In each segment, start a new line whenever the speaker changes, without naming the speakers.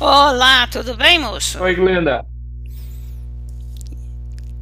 Olá, tudo bem, moço?
Oi, Glenda.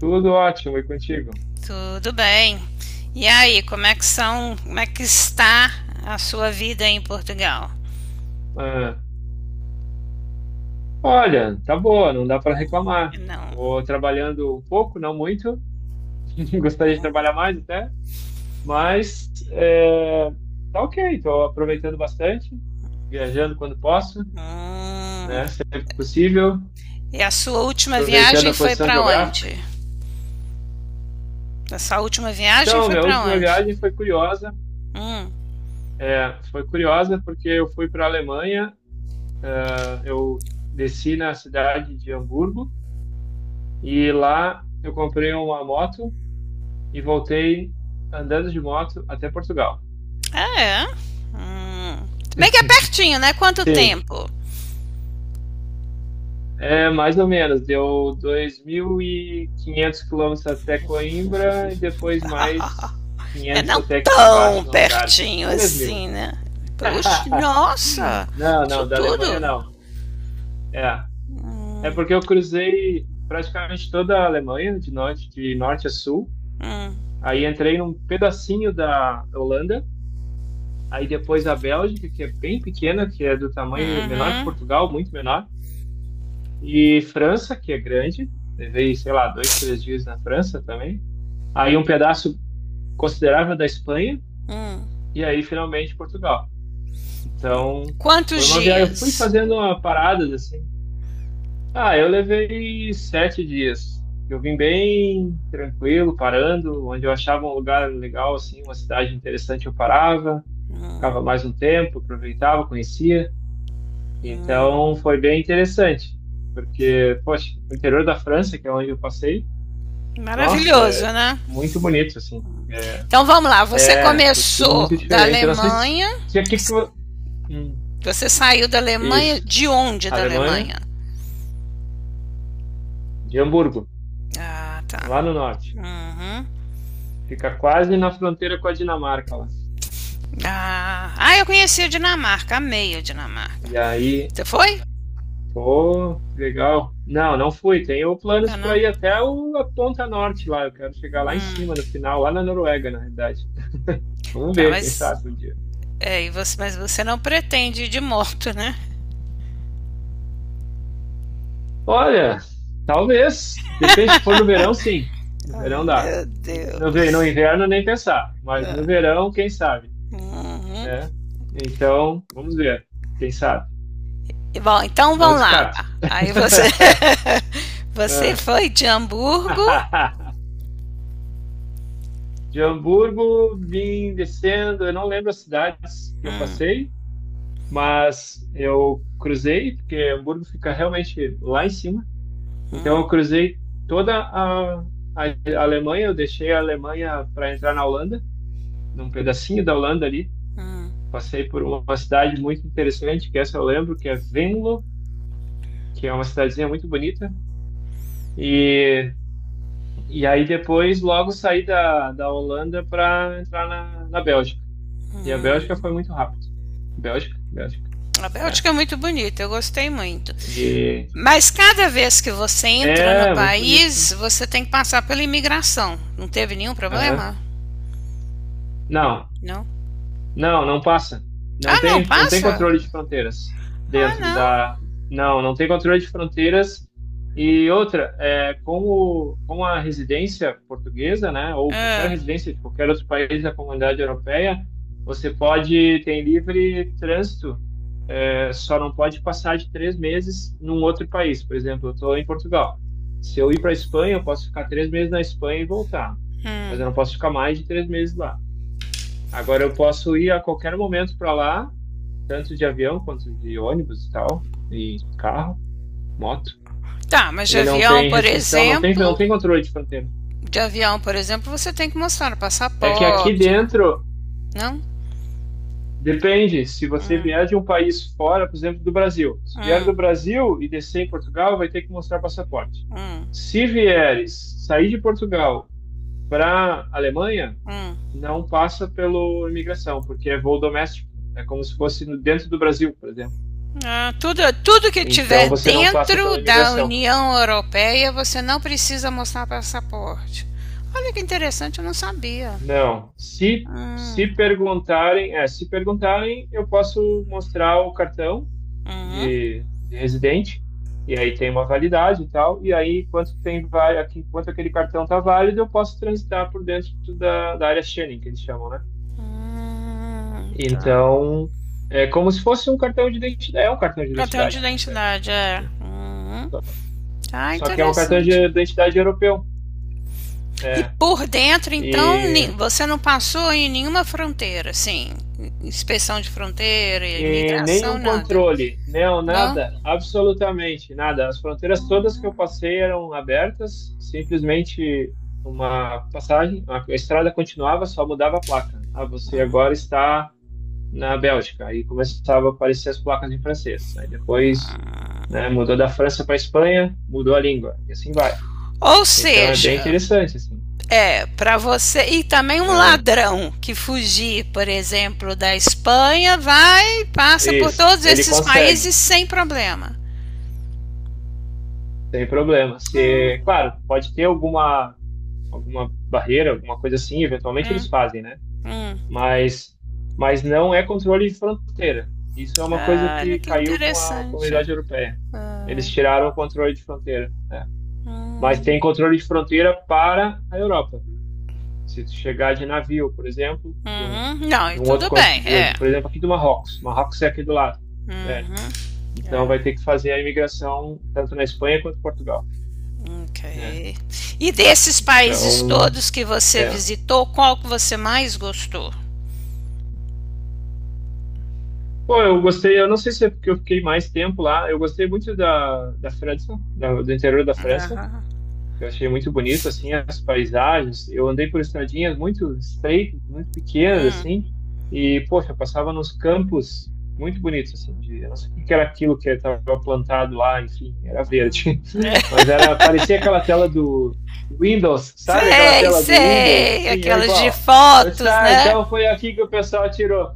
Tudo ótimo e contigo?
Tudo bem. E aí, como é que são, como é que está a sua vida em Portugal?
Ah, olha, tá boa, não dá para reclamar.
Não.
Vou trabalhando um pouco, não muito. Gostaria de trabalhar mais até, mas é, tá ok. Estou aproveitando bastante, viajando quando posso,
Hum.
né? Sempre que possível,
E a sua última
aproveitando
viagem
a
foi
posição
para
geográfica.
onde? Essa última viagem
Então,
foi
minha
para
última
onde?
viagem foi curiosa.
Hum.
É, foi curiosa porque eu fui para a Alemanha. Ah, eu desci na cidade de Hamburgo. E lá eu comprei uma moto e voltei andando de moto até Portugal.
Ah, é? Hum. Se bem que é pertinho, né? Quanto
Sim,
tempo?
é mais ou menos. Deu 2.500 quilômetros até Coimbra e depois mais
É,
500
não
até aqui
tão
embaixo no Algarve.
pertinho
3.000.
assim, né? Puxa, nossa,
Não,
isso
não, da Alemanha
tudo.
não. É, é, porque eu cruzei praticamente toda a Alemanha, de norte a sul.
Hum,
Aí entrei num pedacinho da Holanda. Aí depois a Bélgica, que é bem pequena, que é do tamanho menor que
uhum,
Portugal, muito menor. E França, que é grande. Levei, sei lá, dois, três dias na França também. Aí um pedaço considerável da Espanha.
hum.
E aí, finalmente, Portugal. Então,
Quantos
foi uma viagem. Eu fui
dias?
fazendo uma parada, assim. Ah, eu levei 7 dias. Eu vim bem tranquilo, parando. Onde eu achava um lugar legal, assim, uma cidade interessante, eu parava. Ficava mais um tempo, aproveitava, conhecia. Então foi bem interessante, porque, poxa, o interior da França, que é onde eu passei, nossa, é
Maravilhoso, né?
muito bonito, assim. É,
Então vamos lá. Você
é tudo
começou
muito
da
diferente. Eu não sei se,
Alemanha.
se aqui que. Hum.
Você saiu da Alemanha.
Isso,
De onde da
Alemanha,
Alemanha?
de Hamburgo,
Ah, tá.
lá no norte.
Uhum.
Fica quase na fronteira com a Dinamarca lá.
Ah, ah, eu conheci a Dinamarca. Amei a Dinamarca.
E aí,
Você foi?
pô, que legal. Não, não fui. Tenho planos
Ah,
para
não.
ir até a ponta norte lá. Eu quero chegar lá em
Hum,
cima, no final, lá na Noruega, na realidade. Vamos
tá,
ver, quem
mas.
sabe um dia.
É, e você, mas você não pretende ir de moto, né?
Olha, talvez. Depende se for no verão, sim. No
Oh,
verão dá.
meu
No
Deus.
inverno nem pensar, mas no
Ah.
verão, quem sabe,
Uhum.
né? Então, vamos ver. Quem sabe?
E bom, então
Não
vamos lá.
descarto.
Aí você você
Ah.
foi de Hamburgo.
De Hamburgo, vim descendo. Eu não lembro as cidades que eu
Hum,
passei, mas eu cruzei, porque Hamburgo fica realmente lá em cima. Então, eu
hum,
cruzei toda a Alemanha, eu deixei a Alemanha para entrar na Holanda, num pedacinho da Holanda ali.
hum,
Passei por uma cidade muito interessante, que essa eu lembro, que é Venlo, que é uma cidadezinha muito bonita. E, e aí depois, logo saí da Holanda para entrar na Bélgica. E a Bélgica
hum.
foi muito rápido. Bélgica, Bélgica.
A
É,
Bélgica é muito bonita, eu gostei muito.
e,
Mas cada vez que você entra no
é muito bonito, sim.
país, você tem que passar pela imigração. Não teve nenhum
Aham.
problema?
Não,
Não.
não, não passa. Não
Ah, não,
tem, não tem
passa?
controle de fronteiras
Ah,
dentro
não.
da. Não, não tem controle de fronteiras. E outra, como a residência portuguesa, né, ou qualquer
É,
residência de qualquer outro país da comunidade europeia, você pode ter livre trânsito, só não pode passar de 3 meses num outro país. Por exemplo, eu estou em Portugal. Se eu ir para a Espanha, eu posso ficar 3 meses na Espanha e voltar, mas
hum.
eu não posso ficar mais de 3 meses lá. Agora eu posso ir a qualquer momento para lá tanto de avião quanto de ônibus e tal, e carro, moto.
Tá, mas de
E não
avião,
tem
por
restrição, não tem, não
exemplo,
tem controle de fronteira.
de avião, por exemplo, você tem que mostrar o
É que aqui
passaporte, né?
dentro,
Não?
depende, se você vier
Hum,
de um país fora, por exemplo, do Brasil. Se vier do
hum,
Brasil e descer em Portugal, vai ter que mostrar passaporte.
hum.
Se vieres sair de Portugal para Alemanha,
Hum.
não passa pelo imigração, porque é voo doméstico. É como se fosse dentro do Brasil, por exemplo.
Ah, tudo, tudo que
Então
tiver
você não passa
dentro
pela
da
imigração.
União Europeia, você não precisa mostrar passaporte. Olha que interessante, eu não sabia.
Não. Se
Hum,
perguntarem, se perguntarem, eu posso mostrar o cartão
uhum.
de residente, e aí tem uma validade e tal, e aí, enquanto tem, enquanto aquele cartão está válido, eu posso transitar por dentro da área Schengen, que eles chamam, né?
Tá.
Então, é como se fosse um cartão de identidade, é um cartão de
Cartão de
identidade, na realidade,
identidade, é.
né?
Uhum. Ah,
Só que é um cartão de
interessante.
identidade europeu,
E por dentro, então,
né?
você não passou em nenhuma fronteira, sim, inspeção de fronteira,
E
imigração,
nenhum
nada,
controle, não,
não?
nada, absolutamente nada. As fronteiras todas que eu passei eram abertas, simplesmente uma passagem, a estrada continuava, só mudava a placa. Ah, você agora está na Bélgica. Aí começava a aparecer as placas em francês. Aí depois, né, mudou da França para a Espanha, mudou a língua, e assim vai.
Ou
Então é bem
seja,
interessante, assim.
é, para você. E também um
É,
ladrão que fugir, por exemplo, da Espanha, vai, passa por
isso,
todos
ele
esses
consegue,
países sem problema.
sem problema. Se,
Não.
claro, pode ter alguma barreira, alguma coisa assim, eventualmente eles
Hum,
fazem, né?
hum.
Mas, mas, não é controle de fronteira. Isso é uma coisa
Olha
que
que
caiu com a
interessante.
comunidade europeia.
Ah,
Eles tiraram o controle de fronteira, né? Mas tem
hum,
controle de fronteira para a Europa. Se tu chegar de navio, por exemplo, de um,
uhum. Não,
de
e
um outro
tudo bem, é.
continente, por exemplo, aqui do Marrocos. Marrocos é aqui do lado, né?
Uhum.
Então
Olha,
vai ter que fazer a imigração tanto na Espanha quanto em Portugal, né?
ok. E desses países
Então,
todos que você
é.
visitou, qual que você mais gostou?
Pô, eu gostei, eu não sei se é porque eu fiquei mais tempo lá, eu gostei muito da França, do interior da França,
Aham.
eu achei muito bonito, assim, as paisagens, eu andei por estradinhas muito estreitas, muito pequenas,
Hum.
assim, e, poxa, eu passava nos campos muito bonitos, assim, eu não sei o que que era aquilo que estava plantado lá, enfim, era verde,
É.
mas parecia aquela tela do Windows, sabe aquela
Sei,
tela do Windows,
sei.
assim, era
Aquelas de
igual. Eu disse,
fotos,
ah,
né?
então foi aqui que o pessoal tirou.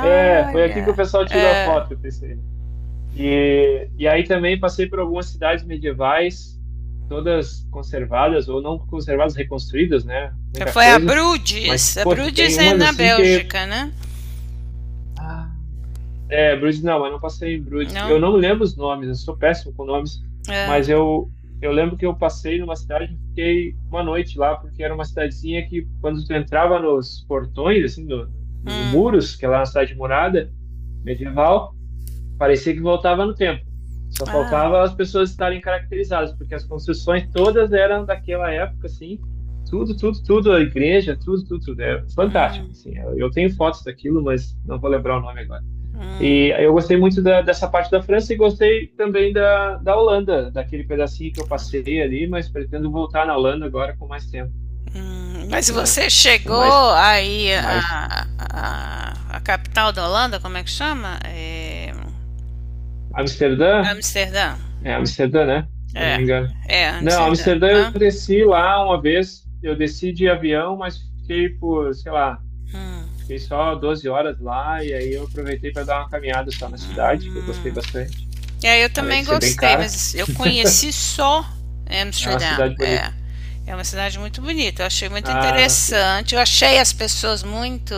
É, foi aqui que o pessoal tirou a
É.
foto, eu pensei. E aí também passei por algumas cidades medievais, todas conservadas, ou não conservadas, reconstruídas, né? Muita
Foi a
coisa. Mas,
Bruges. A
poxa, tem
Brudes é
umas
na
assim que.
Bélgica, né?
Ah, é, Bruges não, mas não passei em Bruges.
Não?
Eu não lembro os nomes, eu sou péssimo com nomes,
É.
mas eu lembro que eu passei numa cidade e fiquei uma noite lá, porque era uma cidadezinha que, quando tu entrava nos portões, assim, no, nos
Hum.
muros, que é lá na cidade murada, medieval. Parecia que voltava no tempo. Só
Ah.
faltava as pessoas estarem caracterizadas, porque as construções todas eram daquela época, assim, tudo, tudo, tudo, a igreja, tudo, tudo, tudo. É fantástico,
Hum.
assim. Eu tenho fotos daquilo, mas não vou lembrar o nome agora.
Hum.
E eu gostei muito dessa parte da França e gostei também da Holanda, daquele pedacinho que eu passei ali, mas pretendo voltar na Holanda agora com mais tempo,
Hum. Mas
né?
você
Com mais,
chegou aí
mais
a capital da Holanda, como é que chama? É...
Amsterdã.
Amsterdã.
É Amsterdã, né? Se eu não
É.
me engano.
É,
Não,
Amsterdã,
Amsterdã eu
né?
desci lá uma vez, eu desci de avião, mas fiquei por, sei lá, fiquei só 12 horas lá e aí eu aproveitei para dar uma caminhada só na cidade, que eu gostei bastante,
É, eu
além de
também
ser bem
gostei,
cara,
mas eu conheci só
é uma
Amsterdã.
cidade bonita.
É, é uma cidade muito bonita. Eu achei muito
Ah, sim.
interessante. Eu achei as pessoas muito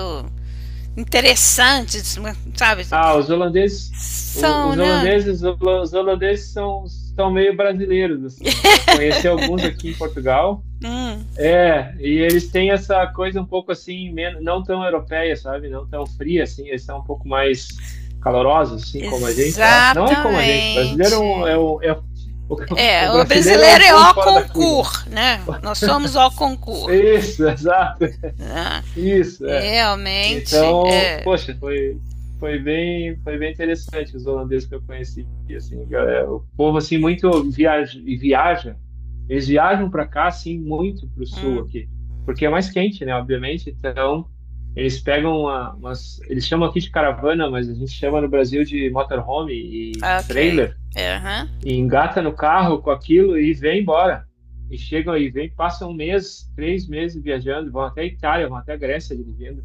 interessantes, mu- sabe?
Ah, os holandeses,
São, né?
os holandeses são, meio brasileiros, assim. Eu conheci alguns aqui em Portugal.
Hum,
É, e eles têm essa coisa um pouco assim, não tão europeia, sabe? Não tão fria, assim, eles são um pouco mais calorosos, assim, como a gente, eu acho. Não é como a gente, brasileiro é o
exatamente.
é um- o
É, o
brasileiro é um
brasileiro é
ponto
o
fora da curva, né?
concur, né? Nós somos o concur,
Isso, exato,
né?
isso, é.
Realmente,
Então,
é.
poxa, foi bem interessante os holandeses que eu conheci, assim, galera, o povo assim muito viaja, e viaja, eles viajam para cá assim muito para o sul
Hum,
aqui, porque é mais quente, né, obviamente, então eles pegam eles chamam aqui de caravana, mas a gente chama no Brasil de motorhome e
ok.
trailer,
É, aham.
e engata no carro com aquilo e vem embora. E chegam aí, vem, passam um mês, 3 meses viajando, vão até a Itália, vão até a Grécia dirigindo.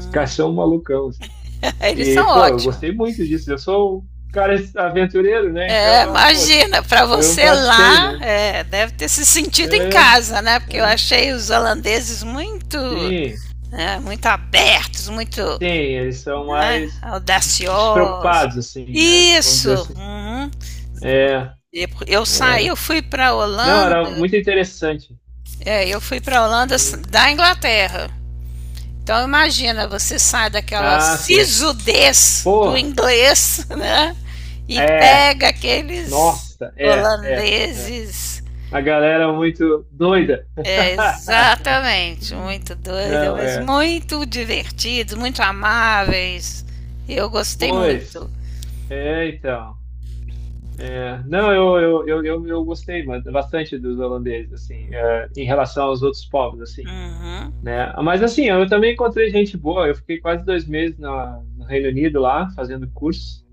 Os caras são malucão, assim.
Eles são
E, pô, eu
ótimos.
gostei muito disso. Eu sou um cara aventureiro, né?
É,
Então, poxa,
imagina, para
foi um
você
prato cheio,
lá,
né?
é, deve ter se sentido em
É,
casa, né? Porque eu
é,
achei os holandeses muito,
sim,
né, muito abertos, muito,
sim, eles são
né,
mais
audaciosos.
despreocupados, assim, né? Vamos
Isso.
dizer assim.
Uhum.
É,
E eu saí,
é.
eu fui para
Não,
Holanda,
era muito interessante.
é, eu fui para Holanda
Hum.
da Inglaterra. Então imagina, você sai daquela
Ah, sim.
sisudez do
Pô,
inglês, né? E
é,
pega aqueles
nossa, é, é, é.
holandeses.
A galera muito doida.
É, exatamente, muito doida,
Não,
mas
é.
muito divertidos, muito amáveis. Eu gostei
Pois,
muito.
é, então. É, não, eu gostei bastante dos holandeses, assim, é, em relação aos outros povos, assim,
Uhum,
né? Mas, assim, eu também encontrei gente boa. Eu fiquei quase 2 meses no Reino Unido lá, fazendo curso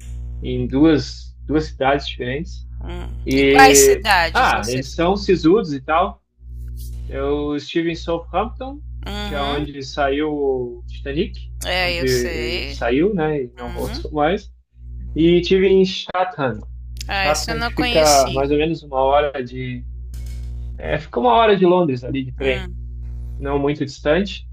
em duas cidades diferentes.
hum. E quais
E,
cidades
ah,
você
eles são
ficou?
sisudos e tal. Eu estive em Southampton, que é
Uhum.
onde saiu o Titanic,
É,
onde
eu
ele
sei.
saiu, né, e não
Uhum.
voltou mais. E tive em Chatham.
Ah, essa eu
Chatham
não
que fica
conheci.
mais ou menos uma hora de, é, fica uma hora de Londres ali de trem,
Hum,
não muito distante.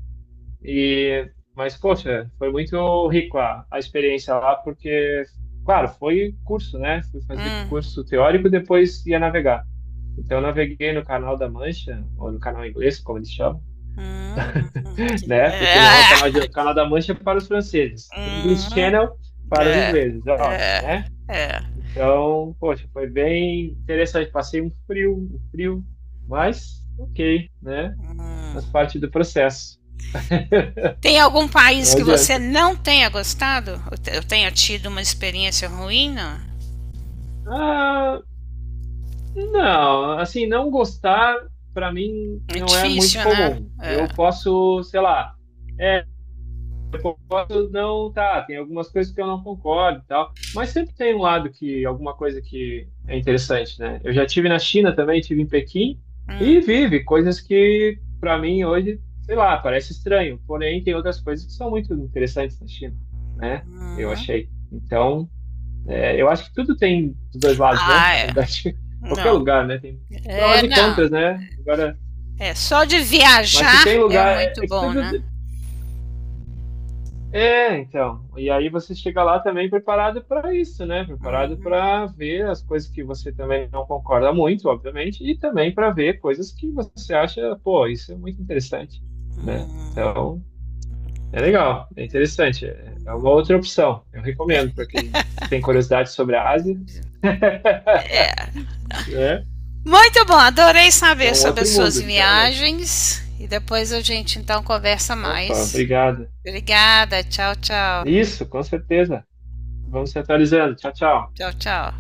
E mas poxa, foi muito rico a experiência lá porque, claro, foi curso, né? Fui fazer
hum,
curso teórico, depois ia navegar. Então eu naveguei no Canal da Mancha ou no Canal Inglês, como eles chamam,
Que-
né? Porque não, é
Ah!
o Canal da Mancha é para os franceses, English Channel
Uhum.
para os
É,
ingleses, é óbvio,
é,
né?
é.
Então, poxa, foi bem interessante. Passei um frio, mas ok, né? Faz parte do processo.
Tem algum país
Não
que você
adianta.
não tenha gostado? Eu tenha tido uma experiência ruim? Não?
Ah, não, assim, não gostar, para mim,
É
não é muito
difícil, né?
comum. Eu
É.
posso, sei lá. É, não, tá, tem algumas coisas que eu não concordo e tal, mas sempre tem um lado que, alguma coisa que é interessante, né? Eu já tive na China também, tive em Pequim, e vive coisas que, para mim, hoje, sei lá, parece estranho, porém tem outras coisas que são muito interessantes na China, né? Eu
Uhum.
achei. Então, é, eu acho que tudo tem dos dois lados, né?
Ah,
Na
é.
realidade, qualquer
Não.
lugar, né? Tem prós
É,
e
não.
contras, né? Agora,
É, só de
mas se
viajar
tem
é
lugar, é
muito
é que
bom,
tudo.
né?
É, então. E aí você chega lá também preparado para isso, né? Preparado
Uhum.
para ver as coisas que você também não concorda muito, obviamente, e também para ver coisas que você acha, pô, isso é muito interessante, né?
Uhum.
Então, é legal, é interessante, é uma outra opção. Eu recomendo para quem tem curiosidade sobre a Ásia, né?
Muito bom, adorei
Que é
saber
um
sobre as
outro
suas
mundo, literalmente.
viagens. E depois a gente então conversa
Opa,
mais.
obrigado.
Obrigada, tchau, tchau.
Isso, com certeza. Vamos se atualizando. Tchau, tchau.
Tchau, tchau.